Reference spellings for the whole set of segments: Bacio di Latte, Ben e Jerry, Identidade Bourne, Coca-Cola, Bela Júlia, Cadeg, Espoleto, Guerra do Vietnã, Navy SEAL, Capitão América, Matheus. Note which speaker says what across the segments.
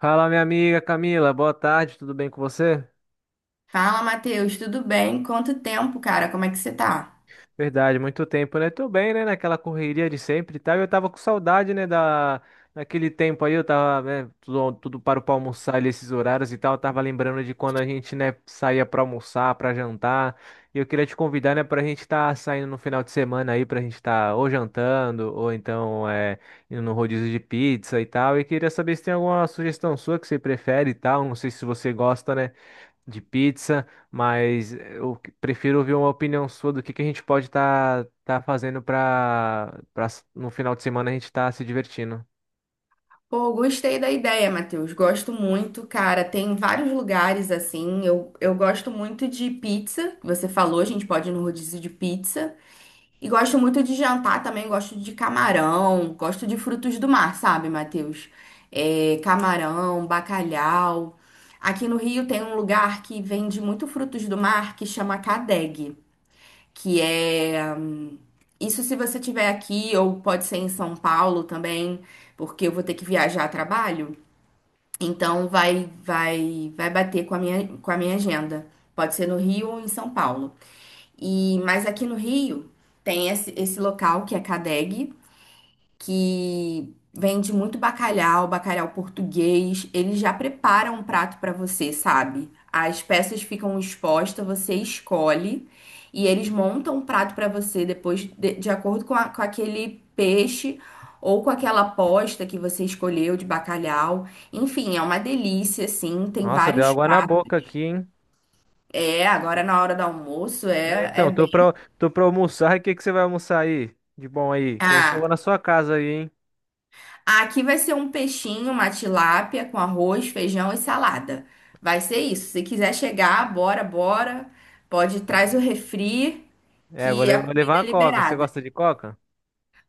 Speaker 1: Fala, minha amiga Camila, boa tarde, tudo bem com você?
Speaker 2: Fala, Matheus, tudo bem? Quanto tempo, cara? Como é que você tá?
Speaker 1: Verdade, muito tempo, né? Tô bem, né? Naquela correria de sempre e tal. Eu tava com saudade, né? Daquele tempo aí, eu tava, né? Tudo parou pra almoçar ali, esses horários e tal. Eu tava lembrando de quando a gente, né, saía pra almoçar, pra jantar. E eu queria te convidar, né, pra gente tá saindo no final de semana aí, pra gente tá ou jantando, ou então indo no rodízio de pizza e tal. E queria saber se tem alguma sugestão sua que você prefere e tal. Não sei se você gosta, né, de pizza, mas prefiro ouvir uma opinião sua do que a gente pode estar fazendo para no final de semana a gente estar se divertindo.
Speaker 2: Pô, gostei da ideia, Matheus. Gosto muito, cara. Tem vários lugares assim. Eu gosto muito de pizza. Que Você falou, a gente pode ir no rodízio de pizza. E gosto muito de jantar também. Gosto de camarão. Gosto de frutos do mar, sabe, Matheus? É, camarão, bacalhau. Aqui no Rio tem um lugar que vende muito frutos do mar que chama Cadeg, que é isso, se você tiver aqui, ou pode ser em São Paulo também, porque eu vou ter que viajar a trabalho. Então vai bater com a minha agenda. Pode ser no Rio ou em São Paulo. Mas aqui no Rio tem esse local que é CADEG, que vende muito bacalhau, bacalhau português. Eles já preparam um prato para você, sabe? As peças ficam expostas, você escolhe e eles montam um prato para você depois de acordo com, com aquele peixe ou com aquela posta que você escolheu de bacalhau. Enfim, é uma delícia, assim. Tem
Speaker 1: Nossa, deu
Speaker 2: vários
Speaker 1: água na
Speaker 2: pratos.
Speaker 1: boca aqui, hein?
Speaker 2: É, agora na hora do almoço
Speaker 1: É,
Speaker 2: é, é
Speaker 1: então,
Speaker 2: bem.
Speaker 1: tô pra almoçar. O que que você vai almoçar aí? De bom aí? Que eu acho que eu vou na
Speaker 2: Ah,
Speaker 1: sua casa aí, hein?
Speaker 2: Aqui vai ser um peixinho, uma tilápia com arroz, feijão e salada. Vai ser isso. Se quiser chegar, bora, bora. Pode traz o refri,
Speaker 1: É,
Speaker 2: que a
Speaker 1: vou levar
Speaker 2: comida
Speaker 1: uma
Speaker 2: é
Speaker 1: coca. Você
Speaker 2: liberada.
Speaker 1: gosta de coca?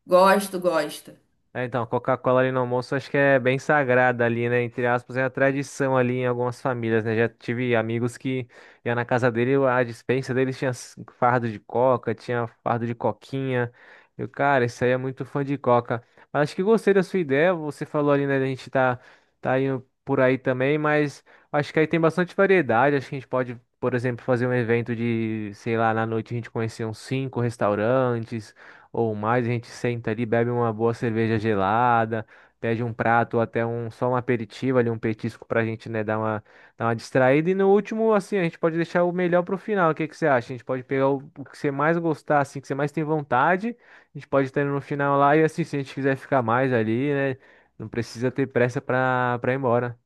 Speaker 2: Gosto, gosto.
Speaker 1: É, então, Coca-Cola ali no almoço acho que é bem sagrada ali, né? Entre aspas, é a tradição ali em algumas famílias, né? Já tive amigos que ia na casa dele, a dispensa deles tinha fardo de coca, tinha fardo de coquinha. Eu, cara, isso aí é muito fã de coca. Mas acho que gostei da sua ideia, você falou ali, né? Tá indo por aí também, mas acho que aí tem bastante variedade. Acho que a gente pode, por exemplo, fazer um evento de, sei lá, na noite a gente conhecer uns cinco restaurantes ou mais, a gente senta ali, bebe uma boa cerveja gelada, pede um prato ou até um só um aperitivo ali, um petisco pra gente, né, dar uma distraída. E no último, assim, a gente pode deixar o melhor pro final. O que que você acha? A gente pode pegar o que você mais gostar, assim, que você mais tem vontade. A gente pode estar no final lá e, assim, se a gente quiser ficar mais ali, né, não precisa ter pressa pra ir embora.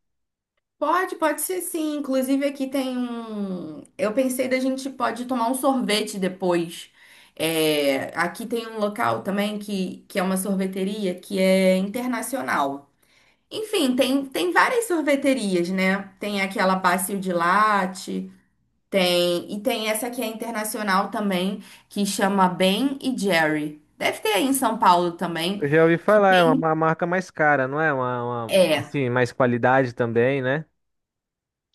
Speaker 2: Pode ser sim. Inclusive aqui tem um. Eu pensei da gente pode tomar um sorvete depois. É, aqui tem um local também que é uma sorveteria que é internacional. Enfim, tem várias sorveterias, né? Tem aquela Bacio de Latte, tem essa que é internacional também, que chama Ben e Jerry. Deve ter aí em São Paulo também,
Speaker 1: Eu já ouvi
Speaker 2: que
Speaker 1: falar, é uma
Speaker 2: tem,
Speaker 1: uma marca mais cara, não é?
Speaker 2: é.
Speaker 1: Assim, mais qualidade também, né?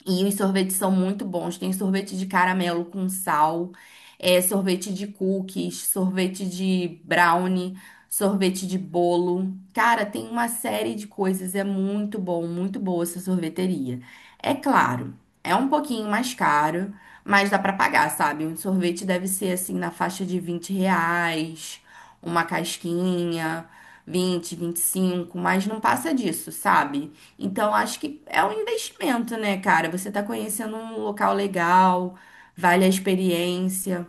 Speaker 2: E os sorvetes são muito bons. Tem sorvete de caramelo com sal, é, sorvete de cookies, sorvete de brownie, sorvete de bolo. Cara, tem uma série de coisas. É muito bom, muito boa essa sorveteria. É claro, é um pouquinho mais caro, mas dá pra pagar, sabe? Um sorvete deve ser assim na faixa de 20 reais, uma casquinha, vinte vinte e cinco, mas não passa disso, sabe? Então, acho que é um investimento, né, cara? Você tá conhecendo um local legal, vale a experiência,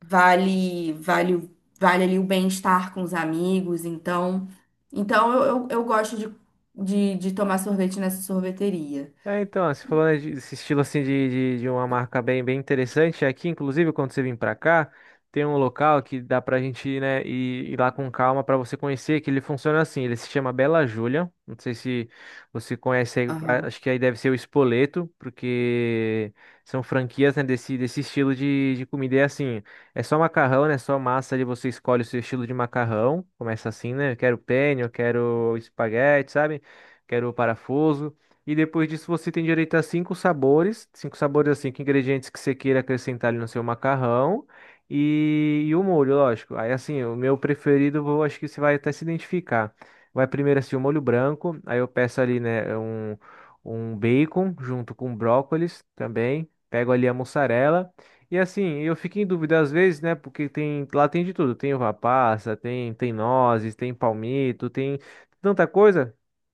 Speaker 2: vale, vale, o- vale ali o bem-estar com os amigos. Então, então eu gosto de tomar sorvete nessa sorveteria.
Speaker 1: É, então, você falou, né, desse estilo assim de uma marca bem, bem interessante. Aqui, inclusive, quando você vir pra cá, tem um local que dá pra gente ir, né, ir lá com calma pra você conhecer, que ele funciona assim, ele se chama Bela Júlia. Não sei se você conhece aí,
Speaker 2: Aham.
Speaker 1: acho que aí deve ser o Espoleto, porque são franquias, né, desse estilo de comida. E é assim, é só macarrão, né, só massa ali, você escolhe o seu estilo de macarrão. Começa assim, né, eu quero penne, eu quero espaguete, sabe? Quero parafuso. E depois disso você tem direito a cinco sabores assim, cinco ingredientes que você queira acrescentar ali no seu macarrão e o molho, lógico. Aí assim, o meu preferido, eu acho que você vai até se identificar. Vai primeiro assim o molho branco, aí eu peço ali, né, um bacon junto com brócolis também, pego ali a mussarela. E assim, eu fico em dúvida às vezes, né, porque tem, lá tem de tudo, tem uva passa, tem nozes, tem palmito, tem tanta coisa,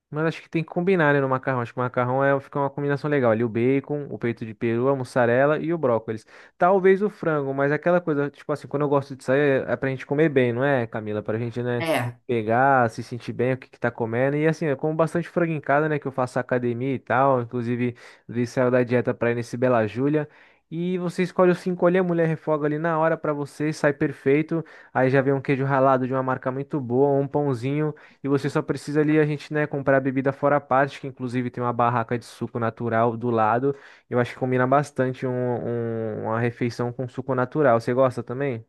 Speaker 1: mas acho que tem que combinar, né, no macarrão. Acho que o macarrão é, fica uma combinação legal. Ali o bacon, o peito de peru, a mussarela e o brócolis. Talvez o frango, mas é aquela coisa, tipo assim, quando eu gosto de sair, é pra gente comer bem, não é, Camila? Pra gente, né,
Speaker 2: É.
Speaker 1: pegar, se sentir bem, o que que tá comendo. E assim, eu como bastante frango em casa, né, que eu faço academia e tal. Inclusive, ele saiu da dieta pra ir nesse Bela Júlia. E você escolhe os cinco ali, a mulher refoga ali na hora pra você, sai perfeito. Aí já vem um queijo ralado de uma marca muito boa, um pãozinho. E você só precisa ali a gente, né, comprar a bebida fora a parte, que inclusive tem uma barraca de suco natural do lado. Eu acho que combina bastante uma refeição com suco natural. Você gosta também?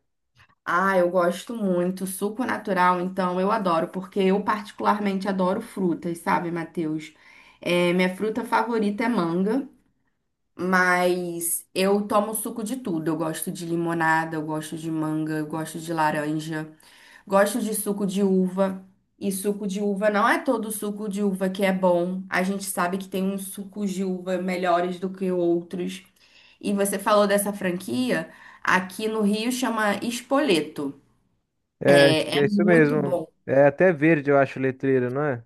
Speaker 2: Ah, eu gosto muito. Suco natural, então, eu adoro, porque eu particularmente adoro frutas, sabe, Matheus? É, minha fruta favorita é manga. Mas eu tomo suco de tudo. Eu gosto de limonada, eu gosto de manga, eu gosto de laranja, gosto de suco de uva. E suco de uva não é todo suco de uva que é bom. A gente sabe que tem uns sucos de uva melhores do que outros. E você falou dessa franquia, aqui no Rio chama Espoleto.
Speaker 1: É, acho
Speaker 2: É,
Speaker 1: que
Speaker 2: é
Speaker 1: é isso
Speaker 2: muito
Speaker 1: mesmo.
Speaker 2: bom.
Speaker 1: É até verde, eu acho, o letreiro, não é?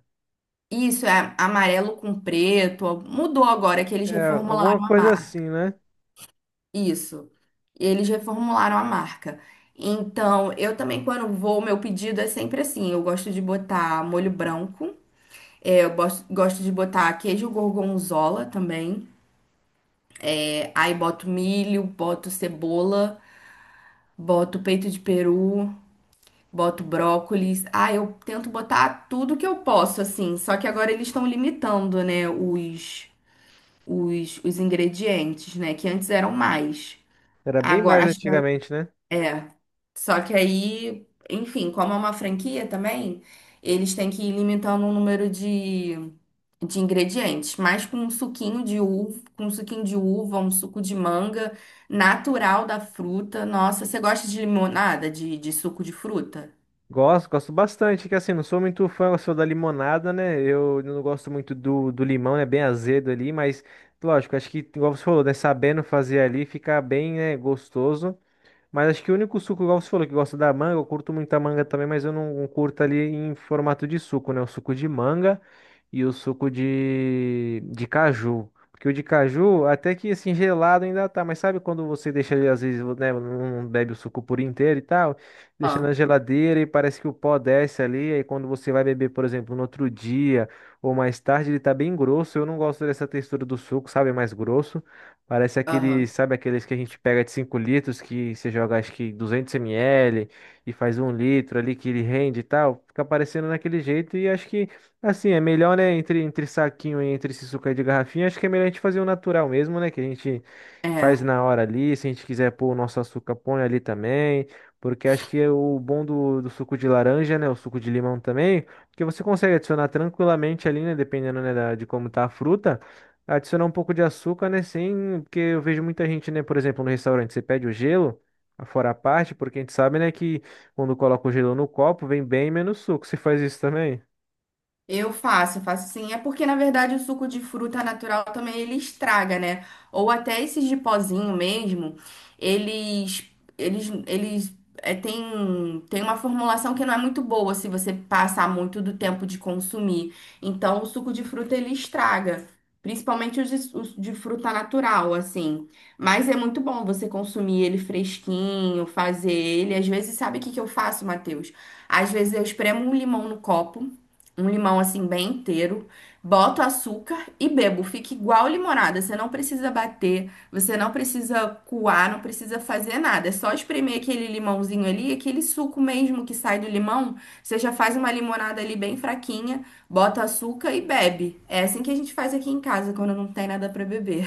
Speaker 2: Isso é amarelo com preto. Mudou agora que eles
Speaker 1: É, alguma
Speaker 2: reformularam a
Speaker 1: coisa assim,
Speaker 2: marca.
Speaker 1: né?
Speaker 2: Isso. Eles reformularam a marca. Então, eu também, quando vou, meu pedido é sempre assim: eu gosto de botar molho branco, é, gosto de botar queijo gorgonzola também. É, aí boto milho, boto cebola, boto peito de peru, boto brócolis. Ah, eu tento botar tudo que eu posso, assim. Só que agora eles estão limitando, né, os ingredientes, né? Que antes eram mais.
Speaker 1: Era bem
Speaker 2: Agora,
Speaker 1: mais
Speaker 2: acho que
Speaker 1: antigamente, né?
Speaker 2: é. Só que aí, enfim, como é uma franquia também, eles têm que ir limitando o número de ingredientes, mas com um suquinho de uva, com um suquinho de uva, um suco de manga natural da fruta. Nossa, você gosta de limonada, de suco de fruta?
Speaker 1: Gosto, gosto bastante, que assim, não sou muito fã, eu sou da limonada, né? Eu não gosto muito do limão, é né? Bem azedo ali, mas lógico, acho que, igual você falou, né? Sabendo fazer ali, fica bem, né, gostoso. Mas acho que o único suco, igual você falou, que gosta da manga, eu curto muito a manga também, mas eu não curto ali em formato de suco, né? O suco de manga e o suco de caju. Porque o de caju, até que assim, gelado ainda tá, mas sabe quando você deixa ali, às vezes, né, não bebe o suco por inteiro e tal, deixa na
Speaker 2: Ah,
Speaker 1: geladeira e parece que o pó desce ali, aí quando você vai beber, por exemplo, no outro dia ou mais tarde, ele tá bem grosso. Eu não gosto dessa textura do suco, sabe? É mais grosso. Parece aqueles,
Speaker 2: aham.
Speaker 1: sabe aqueles que a gente pega de 5 litros, que você joga acho que 200 ml e faz 1 litro ali que ele rende e tal. Fica parecendo naquele jeito e acho que, assim, é melhor, né, entre saquinho e entre esse suco aí de garrafinha, acho que é melhor a gente fazer o natural mesmo, né, que a gente faz
Speaker 2: É.
Speaker 1: na hora ali. Se a gente quiser pôr o nosso açúcar, põe ali também. Porque acho que é o bom do suco de laranja, né, o suco de limão também, que você consegue adicionar tranquilamente ali, né, dependendo, né, de como tá a fruta. Adicionar um pouco de açúcar, né? Sem, porque eu vejo muita gente, né? Por exemplo, no restaurante, você pede o gelo, fora a parte, porque a gente sabe, né, que quando coloca o gelo no copo, vem bem menos suco. Você faz isso também?
Speaker 2: Eu faço sim. É porque, na verdade, o suco de fruta natural também ele estraga, né? Ou até esses de pozinho mesmo, eles, tem, tem uma formulação que não é muito boa se você passar muito do tempo de consumir. Então, o suco de fruta ele estraga. Principalmente os de fruta natural, assim. Mas é muito bom você consumir ele fresquinho, fazer ele. Às vezes, sabe o que que eu faço, Matheus? Às vezes eu espremo um limão no copo, um limão assim bem inteiro, boto açúcar e bebo. Fica igual limonada. Você não precisa bater, você não precisa coar, não precisa fazer nada. É só espremer aquele limãozinho ali, aquele suco mesmo que sai do limão. Você já faz uma limonada ali bem fraquinha, bota açúcar e bebe. É assim que a gente faz aqui em casa quando não tem nada para beber.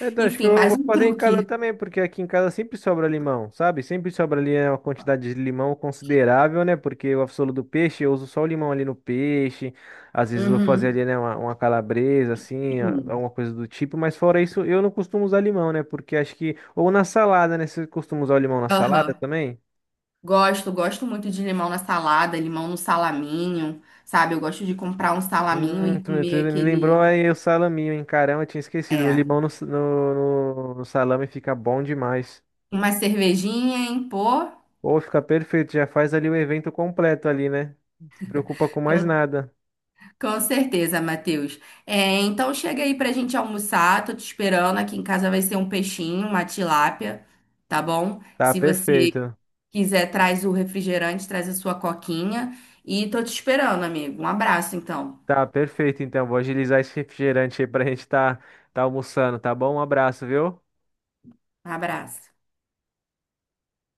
Speaker 1: É, então, acho que
Speaker 2: Enfim,
Speaker 1: eu
Speaker 2: mais
Speaker 1: vou
Speaker 2: um
Speaker 1: fazer em casa
Speaker 2: truque.
Speaker 1: também, porque aqui em casa sempre sobra limão, sabe? Sempre sobra ali é uma quantidade de limão considerável, né? Porque o absolu do peixe, eu uso só o limão ali no peixe. Às vezes vou fazer ali,
Speaker 2: Uhum.
Speaker 1: né, uma calabresa, assim,
Speaker 2: Hum.
Speaker 1: alguma coisa do tipo. Mas fora isso, eu não costumo usar limão, né? Porque acho que... Ou na salada, né? Você costuma usar o limão na salada
Speaker 2: Aham.
Speaker 1: também?
Speaker 2: Gosto, gosto muito de limão na salada, limão no salaminho, sabe? Eu gosto de comprar um salaminho e
Speaker 1: Tu
Speaker 2: comer
Speaker 1: me lembrou
Speaker 2: aquele,
Speaker 1: aí o salaminho, hein? Caramba, eu tinha esquecido. O
Speaker 2: é,
Speaker 1: limão no no salame fica bom demais.
Speaker 2: uma cervejinha em pô.
Speaker 1: Ou fica perfeito, já faz ali o evento completo ali, né? Não se preocupa com mais
Speaker 2: Com,
Speaker 1: nada.
Speaker 2: com certeza, Matheus. É, então chega aí pra gente almoçar, tô te esperando. Aqui em casa vai ser um peixinho, uma tilápia, tá bom?
Speaker 1: Tá
Speaker 2: Se você
Speaker 1: perfeito.
Speaker 2: quiser, traz o refrigerante, traz a sua coquinha e tô te esperando, amigo. Um abraço, então.
Speaker 1: Tá perfeito, então. Vou agilizar esse refrigerante aí pra gente tá, tá almoçando, tá bom? Um abraço, viu?
Speaker 2: Um abraço.